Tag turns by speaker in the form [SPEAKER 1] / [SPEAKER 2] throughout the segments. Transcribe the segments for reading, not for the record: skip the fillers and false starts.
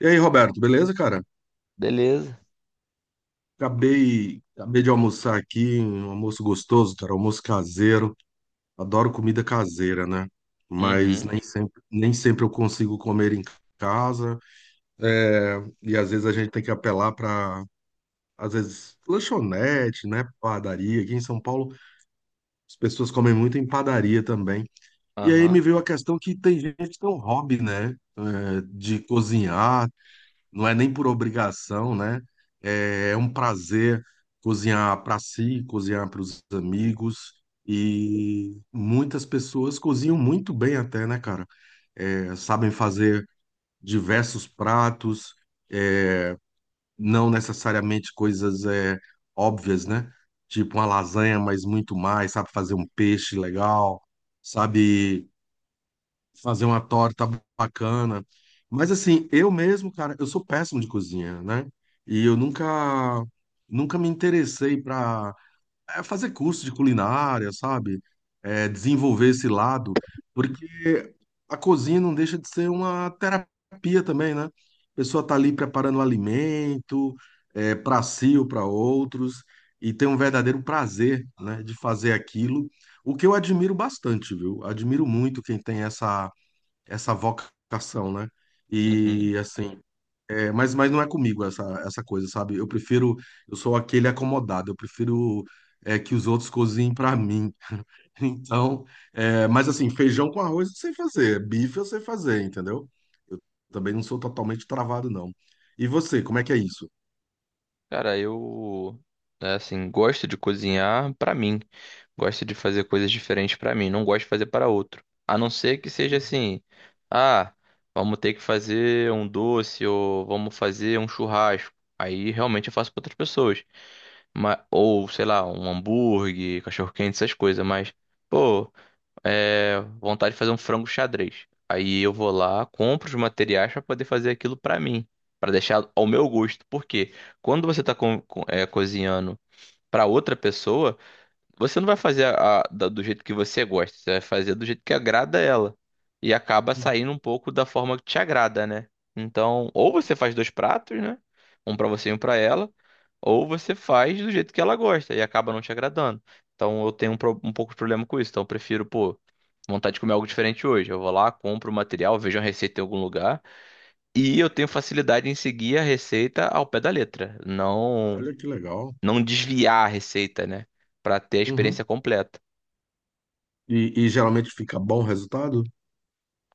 [SPEAKER 1] E aí, Roberto, beleza, cara?
[SPEAKER 2] Beleza.
[SPEAKER 1] Acabei de almoçar aqui, um almoço gostoso, cara, almoço caseiro. Adoro comida caseira, né? Mas
[SPEAKER 2] Uhum,
[SPEAKER 1] nem sempre eu consigo comer em casa. E às vezes a gente tem que apelar para, às vezes, lanchonete, né? Padaria. Aqui em São Paulo, as pessoas comem muito em padaria também. E aí me
[SPEAKER 2] aham,
[SPEAKER 1] veio a questão que tem gente que tem um hobby, né? De cozinhar, não é nem por obrigação, né? É um prazer cozinhar para si, cozinhar para os amigos. E muitas pessoas cozinham muito bem até, né, cara? É, sabem fazer diversos pratos, é, não necessariamente coisas é, óbvias, né? Tipo uma lasanha, mas muito mais, sabe fazer um peixe legal, sabe fazer uma torta bacana. Mas assim, eu mesmo, cara, eu sou péssimo de cozinha, né? E eu nunca me interessei para fazer curso de culinária, sabe? É, desenvolver esse lado, porque a cozinha não deixa de ser uma terapia também, né? A pessoa tá ali preparando um alimento, é, para si ou para outros, e tem um verdadeiro prazer, né, de fazer aquilo. O que eu admiro bastante, viu? Admiro muito quem tem essa vocação, né?
[SPEAKER 2] uhum.
[SPEAKER 1] E assim, é, mas não é comigo essa coisa, sabe? Eu prefiro, eu sou aquele acomodado, eu prefiro é, que os outros cozinhem pra mim. Então, é, mas assim, feijão com arroz eu sei fazer, bife eu sei fazer, entendeu? Eu também não sou totalmente travado, não. E você, como é que é isso?
[SPEAKER 2] Cara, eu, né, assim, gosto de cozinhar pra mim. Gosto de fazer coisas diferentes pra mim. Não gosto de fazer para outro. A não ser que seja assim, ah, vamos ter que fazer um doce ou vamos fazer um churrasco. Aí realmente eu faço pra outras pessoas. Mas, ou, sei lá, um hambúrguer, cachorro-quente, essas coisas. Mas, pô, vontade de fazer um frango xadrez. Aí eu vou lá, compro os materiais para poder fazer aquilo para mim, para deixar ao meu gosto. Porque quando você está cozinhando para outra pessoa, você não vai fazer do jeito que você gosta, você vai fazer do jeito que agrada ela. E acaba
[SPEAKER 1] Uhum.
[SPEAKER 2] saindo um pouco da forma que te agrada, né? Então, ou você faz dois pratos, né? Um pra você e um pra ela, ou você faz do jeito que ela gosta e acaba não te agradando. Então, eu tenho um pouco de problema com isso. Então, eu prefiro, pô, vontade de comer algo diferente hoje. Eu vou lá, compro o material, vejo uma receita em algum lugar e eu tenho facilidade em seguir a receita ao pé da letra, não
[SPEAKER 1] Olha que legal.
[SPEAKER 2] não desviar a receita, né? Pra ter a
[SPEAKER 1] Uhum.
[SPEAKER 2] experiência completa.
[SPEAKER 1] E geralmente fica bom o resultado?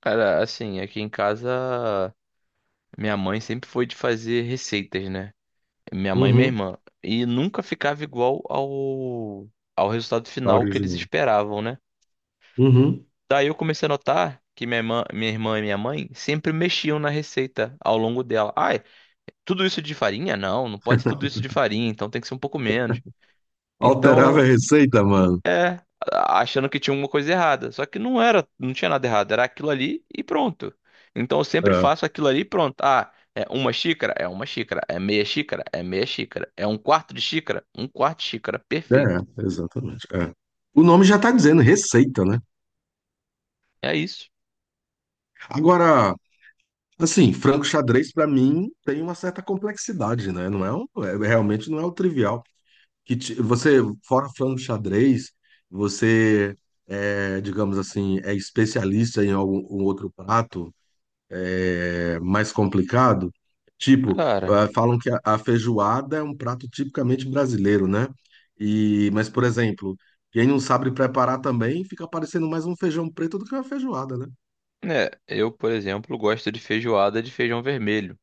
[SPEAKER 2] Cara, assim, aqui em casa, minha mãe sempre foi de fazer receitas, né? Minha mãe e minha
[SPEAKER 1] Uhum.
[SPEAKER 2] irmã. E nunca ficava igual ao resultado
[SPEAKER 1] Tá
[SPEAKER 2] final que eles
[SPEAKER 1] original.
[SPEAKER 2] esperavam, né?
[SPEAKER 1] Uhum.
[SPEAKER 2] Daí eu comecei a notar que minha irmã e minha mãe sempre mexiam na receita ao longo dela. Ai, tudo isso de farinha? Não, não pode ser tudo isso de farinha, então tem que ser um pouco menos.
[SPEAKER 1] Alterava a
[SPEAKER 2] Então,
[SPEAKER 1] receita, mano.
[SPEAKER 2] É, achando que tinha uma coisa errada. Só que não era, não tinha nada errado, era aquilo ali e pronto. Então eu sempre faço aquilo ali e pronto. Ah, é uma xícara? É uma xícara. É meia xícara? É meia xícara. É um quarto de xícara? Um quarto de xícara. Perfeito.
[SPEAKER 1] É, exatamente. É. O nome já está dizendo receita, né?
[SPEAKER 2] É isso.
[SPEAKER 1] Agora, assim, frango xadrez para mim tem uma certa complexidade, né? Não é, um- é- realmente não é o trivial. Que ti- você fora frango xadrez, você é, digamos assim, é especialista em algum um outro prato é, mais complicado. Tipo,
[SPEAKER 2] Cara,
[SPEAKER 1] ah, falam que a feijoada é um prato tipicamente brasileiro, né? E, mas, por exemplo, quem não sabe preparar também fica parecendo mais um feijão preto do que uma feijoada, né?
[SPEAKER 2] né, eu, por exemplo, gosto de feijoada de feijão vermelho.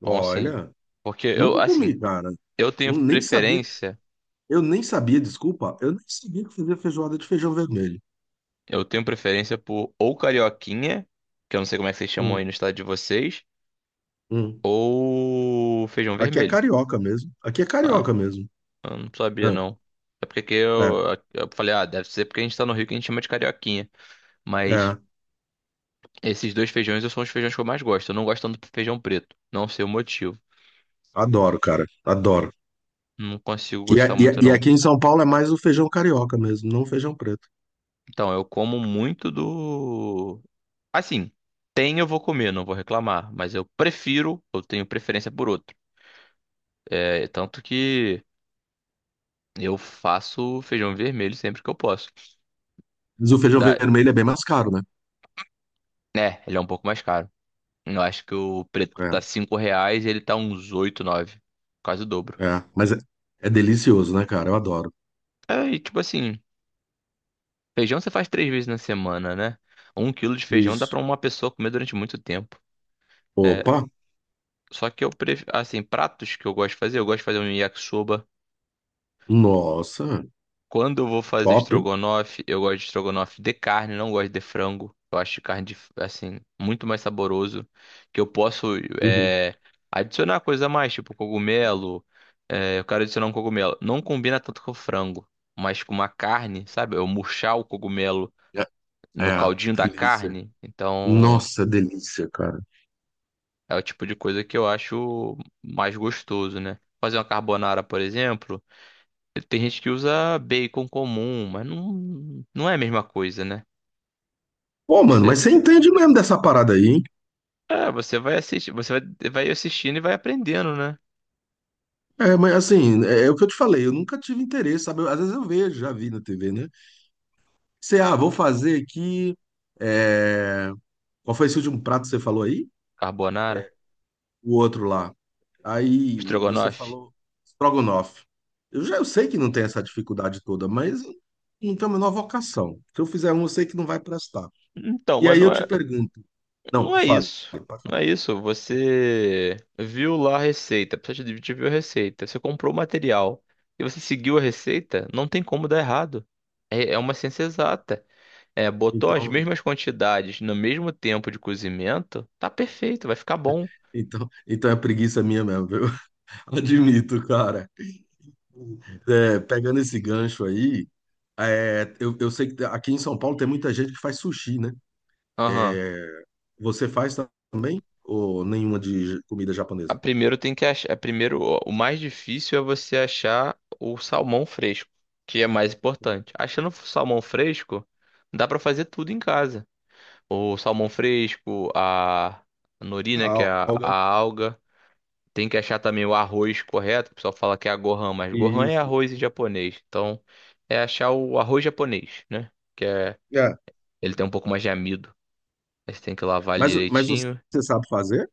[SPEAKER 2] Então, assim,
[SPEAKER 1] Olha,
[SPEAKER 2] porque eu,
[SPEAKER 1] nunca
[SPEAKER 2] assim,
[SPEAKER 1] comi, cara.
[SPEAKER 2] eu tenho
[SPEAKER 1] Não, nem sabia.
[SPEAKER 2] preferência,
[SPEAKER 1] Eu nem sabia, desculpa, eu nem sabia que fazia feijoada de feijão vermelho.
[SPEAKER 2] eu tenho preferência por ou carioquinha, que eu não sei como é que vocês chamam
[SPEAKER 1] Hum,
[SPEAKER 2] aí no estado de vocês,
[SPEAKER 1] hum.
[SPEAKER 2] ou feijão
[SPEAKER 1] Aqui é
[SPEAKER 2] vermelho.
[SPEAKER 1] carioca mesmo. Aqui é
[SPEAKER 2] Ah,
[SPEAKER 1] carioca mesmo.
[SPEAKER 2] eu não
[SPEAKER 1] É,
[SPEAKER 2] sabia não. É porque que
[SPEAKER 1] é,
[SPEAKER 2] eu falei, ah, deve ser porque a gente tá no Rio que a gente chama de carioquinha. Mas
[SPEAKER 1] é.
[SPEAKER 2] esses dois feijões são os feijões que eu mais gosto. Eu não gosto tanto do feijão preto. Não sei o motivo.
[SPEAKER 1] Adoro, cara. Adoro.
[SPEAKER 2] Não consigo
[SPEAKER 1] E,
[SPEAKER 2] gostar
[SPEAKER 1] a- e, a-
[SPEAKER 2] muito
[SPEAKER 1] e
[SPEAKER 2] não.
[SPEAKER 1] aqui em São Paulo é mais o feijão carioca mesmo, não o feijão preto.
[SPEAKER 2] Então, eu como muito do... Assim, tem eu vou comer, não vou reclamar. Mas eu prefiro, eu tenho preferência por outro. É, tanto que eu faço feijão vermelho sempre que eu posso.
[SPEAKER 1] Mas o feijão
[SPEAKER 2] Da...
[SPEAKER 1] vermelho é bem mais caro, né?
[SPEAKER 2] É, ele é um pouco mais caro. Eu acho que o preto
[SPEAKER 1] É,
[SPEAKER 2] tá R$ 5 e ele tá uns 8 nove. Quase o dobro.
[SPEAKER 1] é. Mas é, é delicioso, né, cara? Eu adoro.
[SPEAKER 2] É, e tipo assim, feijão você faz três vezes na semana, né? Um quilo de feijão dá
[SPEAKER 1] Isso.
[SPEAKER 2] pra uma pessoa comer durante muito tempo. É,
[SPEAKER 1] Opa!
[SPEAKER 2] só que eu prefiro, assim, pratos que eu gosto de fazer, eu gosto de fazer um yakisoba.
[SPEAKER 1] Nossa,
[SPEAKER 2] Quando eu vou fazer
[SPEAKER 1] top, hein?
[SPEAKER 2] estrogonofe, eu gosto de estrogonofe de carne, não gosto de frango. Eu acho carne, de- assim, muito mais saboroso. Que eu posso
[SPEAKER 1] Uhum.
[SPEAKER 2] é, adicionar coisa a mais, tipo cogumelo. É, eu quero adicionar um cogumelo. Não combina tanto com frango, mas com uma carne, sabe? Eu murchar o cogumelo
[SPEAKER 1] É,
[SPEAKER 2] no
[SPEAKER 1] é,
[SPEAKER 2] caldinho da
[SPEAKER 1] delícia.
[SPEAKER 2] carne. Então,
[SPEAKER 1] Nossa, delícia, cara.
[SPEAKER 2] é o tipo de coisa que eu acho mais gostoso, né? Fazer uma carbonara, por exemplo. Tem gente que usa bacon comum, mas não, não é a mesma coisa, né?
[SPEAKER 1] Pô, mano, mas
[SPEAKER 2] Você,
[SPEAKER 1] você entende mesmo dessa parada aí, hein?
[SPEAKER 2] você vai assistir, você vai assistindo e vai aprendendo, né?
[SPEAKER 1] É, mas assim, é, é o que eu te falei, eu nunca tive interesse, sabe? Eu- Às vezes eu vejo, já vi na TV, né? Você ah, vou fazer aqui. É, Qual foi esse último prato que você falou aí?
[SPEAKER 2] Carbonara,
[SPEAKER 1] O outro lá. Aí você
[SPEAKER 2] estrogonofe.
[SPEAKER 1] falou estrogonofe. Eu já eu sei que não tem essa dificuldade toda, mas não tem a menor vocação. Se eu fizer um, eu sei que não vai prestar.
[SPEAKER 2] Então,
[SPEAKER 1] E
[SPEAKER 2] mas
[SPEAKER 1] aí
[SPEAKER 2] não
[SPEAKER 1] eu te
[SPEAKER 2] é,
[SPEAKER 1] pergunto, não,
[SPEAKER 2] não é
[SPEAKER 1] fale,
[SPEAKER 2] isso.
[SPEAKER 1] pode
[SPEAKER 2] Não
[SPEAKER 1] falar.
[SPEAKER 2] é isso. Você viu lá a receita, precisa de te viu a receita, você comprou o material e você seguiu a receita, não tem como dar errado. É, é uma ciência exata. É, botou as
[SPEAKER 1] Então,
[SPEAKER 2] mesmas quantidades no mesmo tempo de cozimento, tá perfeito, vai ficar bom.
[SPEAKER 1] então é preguiça minha mesmo, viu? Admito, cara. É, pegando esse gancho aí, é, eu sei que aqui em São Paulo tem muita gente que faz sushi, né?
[SPEAKER 2] Aham.
[SPEAKER 1] Você faz também? Ou nenhuma de comida
[SPEAKER 2] a-
[SPEAKER 1] japonesa?
[SPEAKER 2] primeiro tem que achar. A Primeiro, o mais difícil é você achar o salmão fresco, que é mais importante. Achando o salmão fresco, dá pra fazer tudo em casa. O salmão fresco, a nori, né, que é
[SPEAKER 1] A
[SPEAKER 2] a
[SPEAKER 1] alga.
[SPEAKER 2] alga. Tem que achar também o arroz correto. O pessoal fala que é a gohan, mas gohan é
[SPEAKER 1] Isso.
[SPEAKER 2] arroz em japonês. Então, é achar o arroz japonês, né? Que é,
[SPEAKER 1] É,
[SPEAKER 2] ele tem um pouco mais de amido. Aí você tem que lavar ele
[SPEAKER 1] Mas
[SPEAKER 2] direitinho.
[SPEAKER 1] você sabe fazer?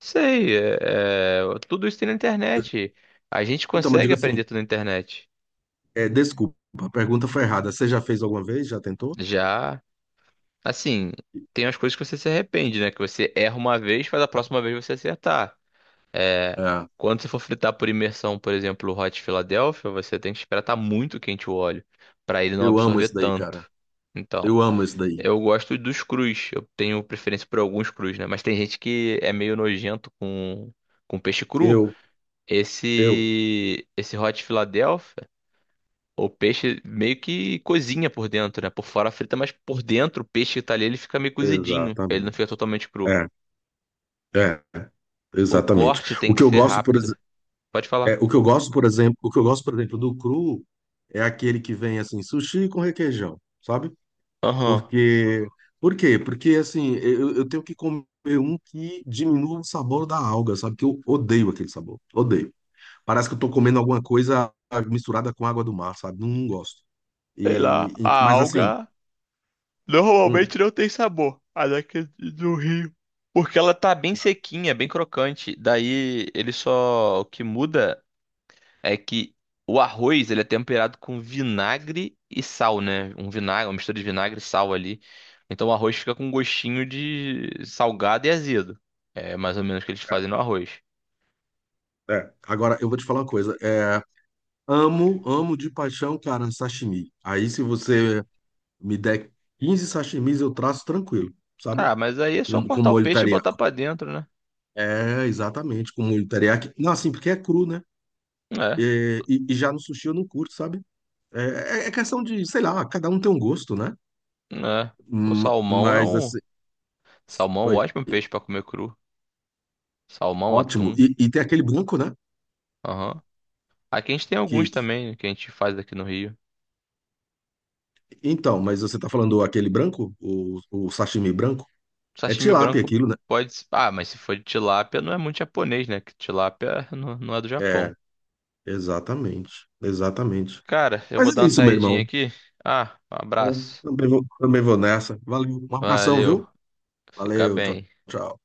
[SPEAKER 2] Sei, tudo isso tem na internet. A gente
[SPEAKER 1] Então, eu
[SPEAKER 2] consegue
[SPEAKER 1] digo assim,
[SPEAKER 2] aprender tudo na internet.
[SPEAKER 1] é, desculpa, a pergunta foi errada. Você já fez alguma vez? Já tentou?
[SPEAKER 2] Já, assim, tem as coisas que você se arrepende, né? Que você erra uma vez, mas a próxima vez você acertar. É,
[SPEAKER 1] É,
[SPEAKER 2] quando você for fritar por imersão, por exemplo, o Hot Philadelphia, você tem que esperar estar muito quente o óleo, para ele não
[SPEAKER 1] eu amo
[SPEAKER 2] absorver
[SPEAKER 1] isso daí, cara.
[SPEAKER 2] tanto. Então,
[SPEAKER 1] Eu amo isso daí.
[SPEAKER 2] eu gosto dos crus. Eu tenho preferência por alguns crus, né? Mas tem gente que é meio nojento com peixe cru.
[SPEAKER 1] Eu, eu,
[SPEAKER 2] Esse Hot Philadelphia. O peixe meio que cozinha por dentro, né? Por fora frita, mas por dentro o peixe que tá ali, ele fica meio cozidinho. Ele não
[SPEAKER 1] exatamente.
[SPEAKER 2] fica totalmente cru.
[SPEAKER 1] É, é,
[SPEAKER 2] O
[SPEAKER 1] exatamente.
[SPEAKER 2] corte
[SPEAKER 1] O
[SPEAKER 2] tem que
[SPEAKER 1] que eu
[SPEAKER 2] ser
[SPEAKER 1] gosto, por
[SPEAKER 2] rápido.
[SPEAKER 1] exemplo,
[SPEAKER 2] Pode falar.
[SPEAKER 1] o que eu gosto, por exemplo, o que eu gosto, por exemplo, do cru é aquele que vem assim, sushi com requeijão, sabe?
[SPEAKER 2] Aham.
[SPEAKER 1] Porque, por quê? Porque assim, eu tenho que comer um que diminua o sabor da alga, sabe? Que eu odeio aquele sabor, odeio. Parece que eu tô comendo alguma coisa misturada com água do mar, sabe? Não, não gosto.
[SPEAKER 2] Sei lá,
[SPEAKER 1] E-
[SPEAKER 2] a
[SPEAKER 1] mas assim,
[SPEAKER 2] alga
[SPEAKER 1] hum,
[SPEAKER 2] normalmente não tem sabor, a daqui do rio. Porque ela tá bem sequinha, bem crocante. Daí ele só. O que muda é que o arroz, ele é temperado com vinagre e sal, né? Um vinagre, uma mistura de vinagre e sal ali. Então o arroz fica com um gostinho de salgado e azedo. É mais ou menos o que eles fazem no arroz.
[SPEAKER 1] é, é. Agora eu vou te falar uma coisa. É, amo, amo de paixão, cara, sashimi. Aí se você me der 15 sashimis, eu traço tranquilo, sabe?
[SPEAKER 2] Ah, mas aí é só
[SPEAKER 1] Com
[SPEAKER 2] cortar o
[SPEAKER 1] molho
[SPEAKER 2] peixe e
[SPEAKER 1] teriyaki.
[SPEAKER 2] botar pra dentro, né?
[SPEAKER 1] É, exatamente, com molho teriyaki. Não, assim, porque é cru, né?
[SPEAKER 2] É,
[SPEAKER 1] É, E, e já no sushi eu não curto, sabe? É, é é questão de, sei lá, cada um tem um gosto, né?
[SPEAKER 2] né? O
[SPEAKER 1] Ma- Mas assim.
[SPEAKER 2] salmão, é um
[SPEAKER 1] Oi.
[SPEAKER 2] ótimo peixe pra comer cru. Salmão,
[SPEAKER 1] Ótimo.
[SPEAKER 2] atum.
[SPEAKER 1] E tem aquele branco, né?
[SPEAKER 2] Aham. Aqui a gente tem alguns
[SPEAKER 1] Que-
[SPEAKER 2] também né, que a gente faz aqui no Rio.
[SPEAKER 1] Então, mas você tá falando aquele branco? O sashimi branco? É
[SPEAKER 2] Sashimi
[SPEAKER 1] tilápia
[SPEAKER 2] branco
[SPEAKER 1] aquilo, né?
[SPEAKER 2] pode. Ah, mas se for de tilápia, não é muito japonês, né? Que tilápia não, não é do Japão.
[SPEAKER 1] É, exatamente. Exatamente.
[SPEAKER 2] Cara, eu vou
[SPEAKER 1] Mas
[SPEAKER 2] dar
[SPEAKER 1] é
[SPEAKER 2] uma
[SPEAKER 1] isso, meu
[SPEAKER 2] saidinha
[SPEAKER 1] irmão.
[SPEAKER 2] aqui. Ah, um
[SPEAKER 1] É,
[SPEAKER 2] abraço.
[SPEAKER 1] também vou nessa. Valeu. Um abração,
[SPEAKER 2] Valeu.
[SPEAKER 1] viu?
[SPEAKER 2] Fica
[SPEAKER 1] Valeu. Tchau,
[SPEAKER 2] bem.
[SPEAKER 1] tchau.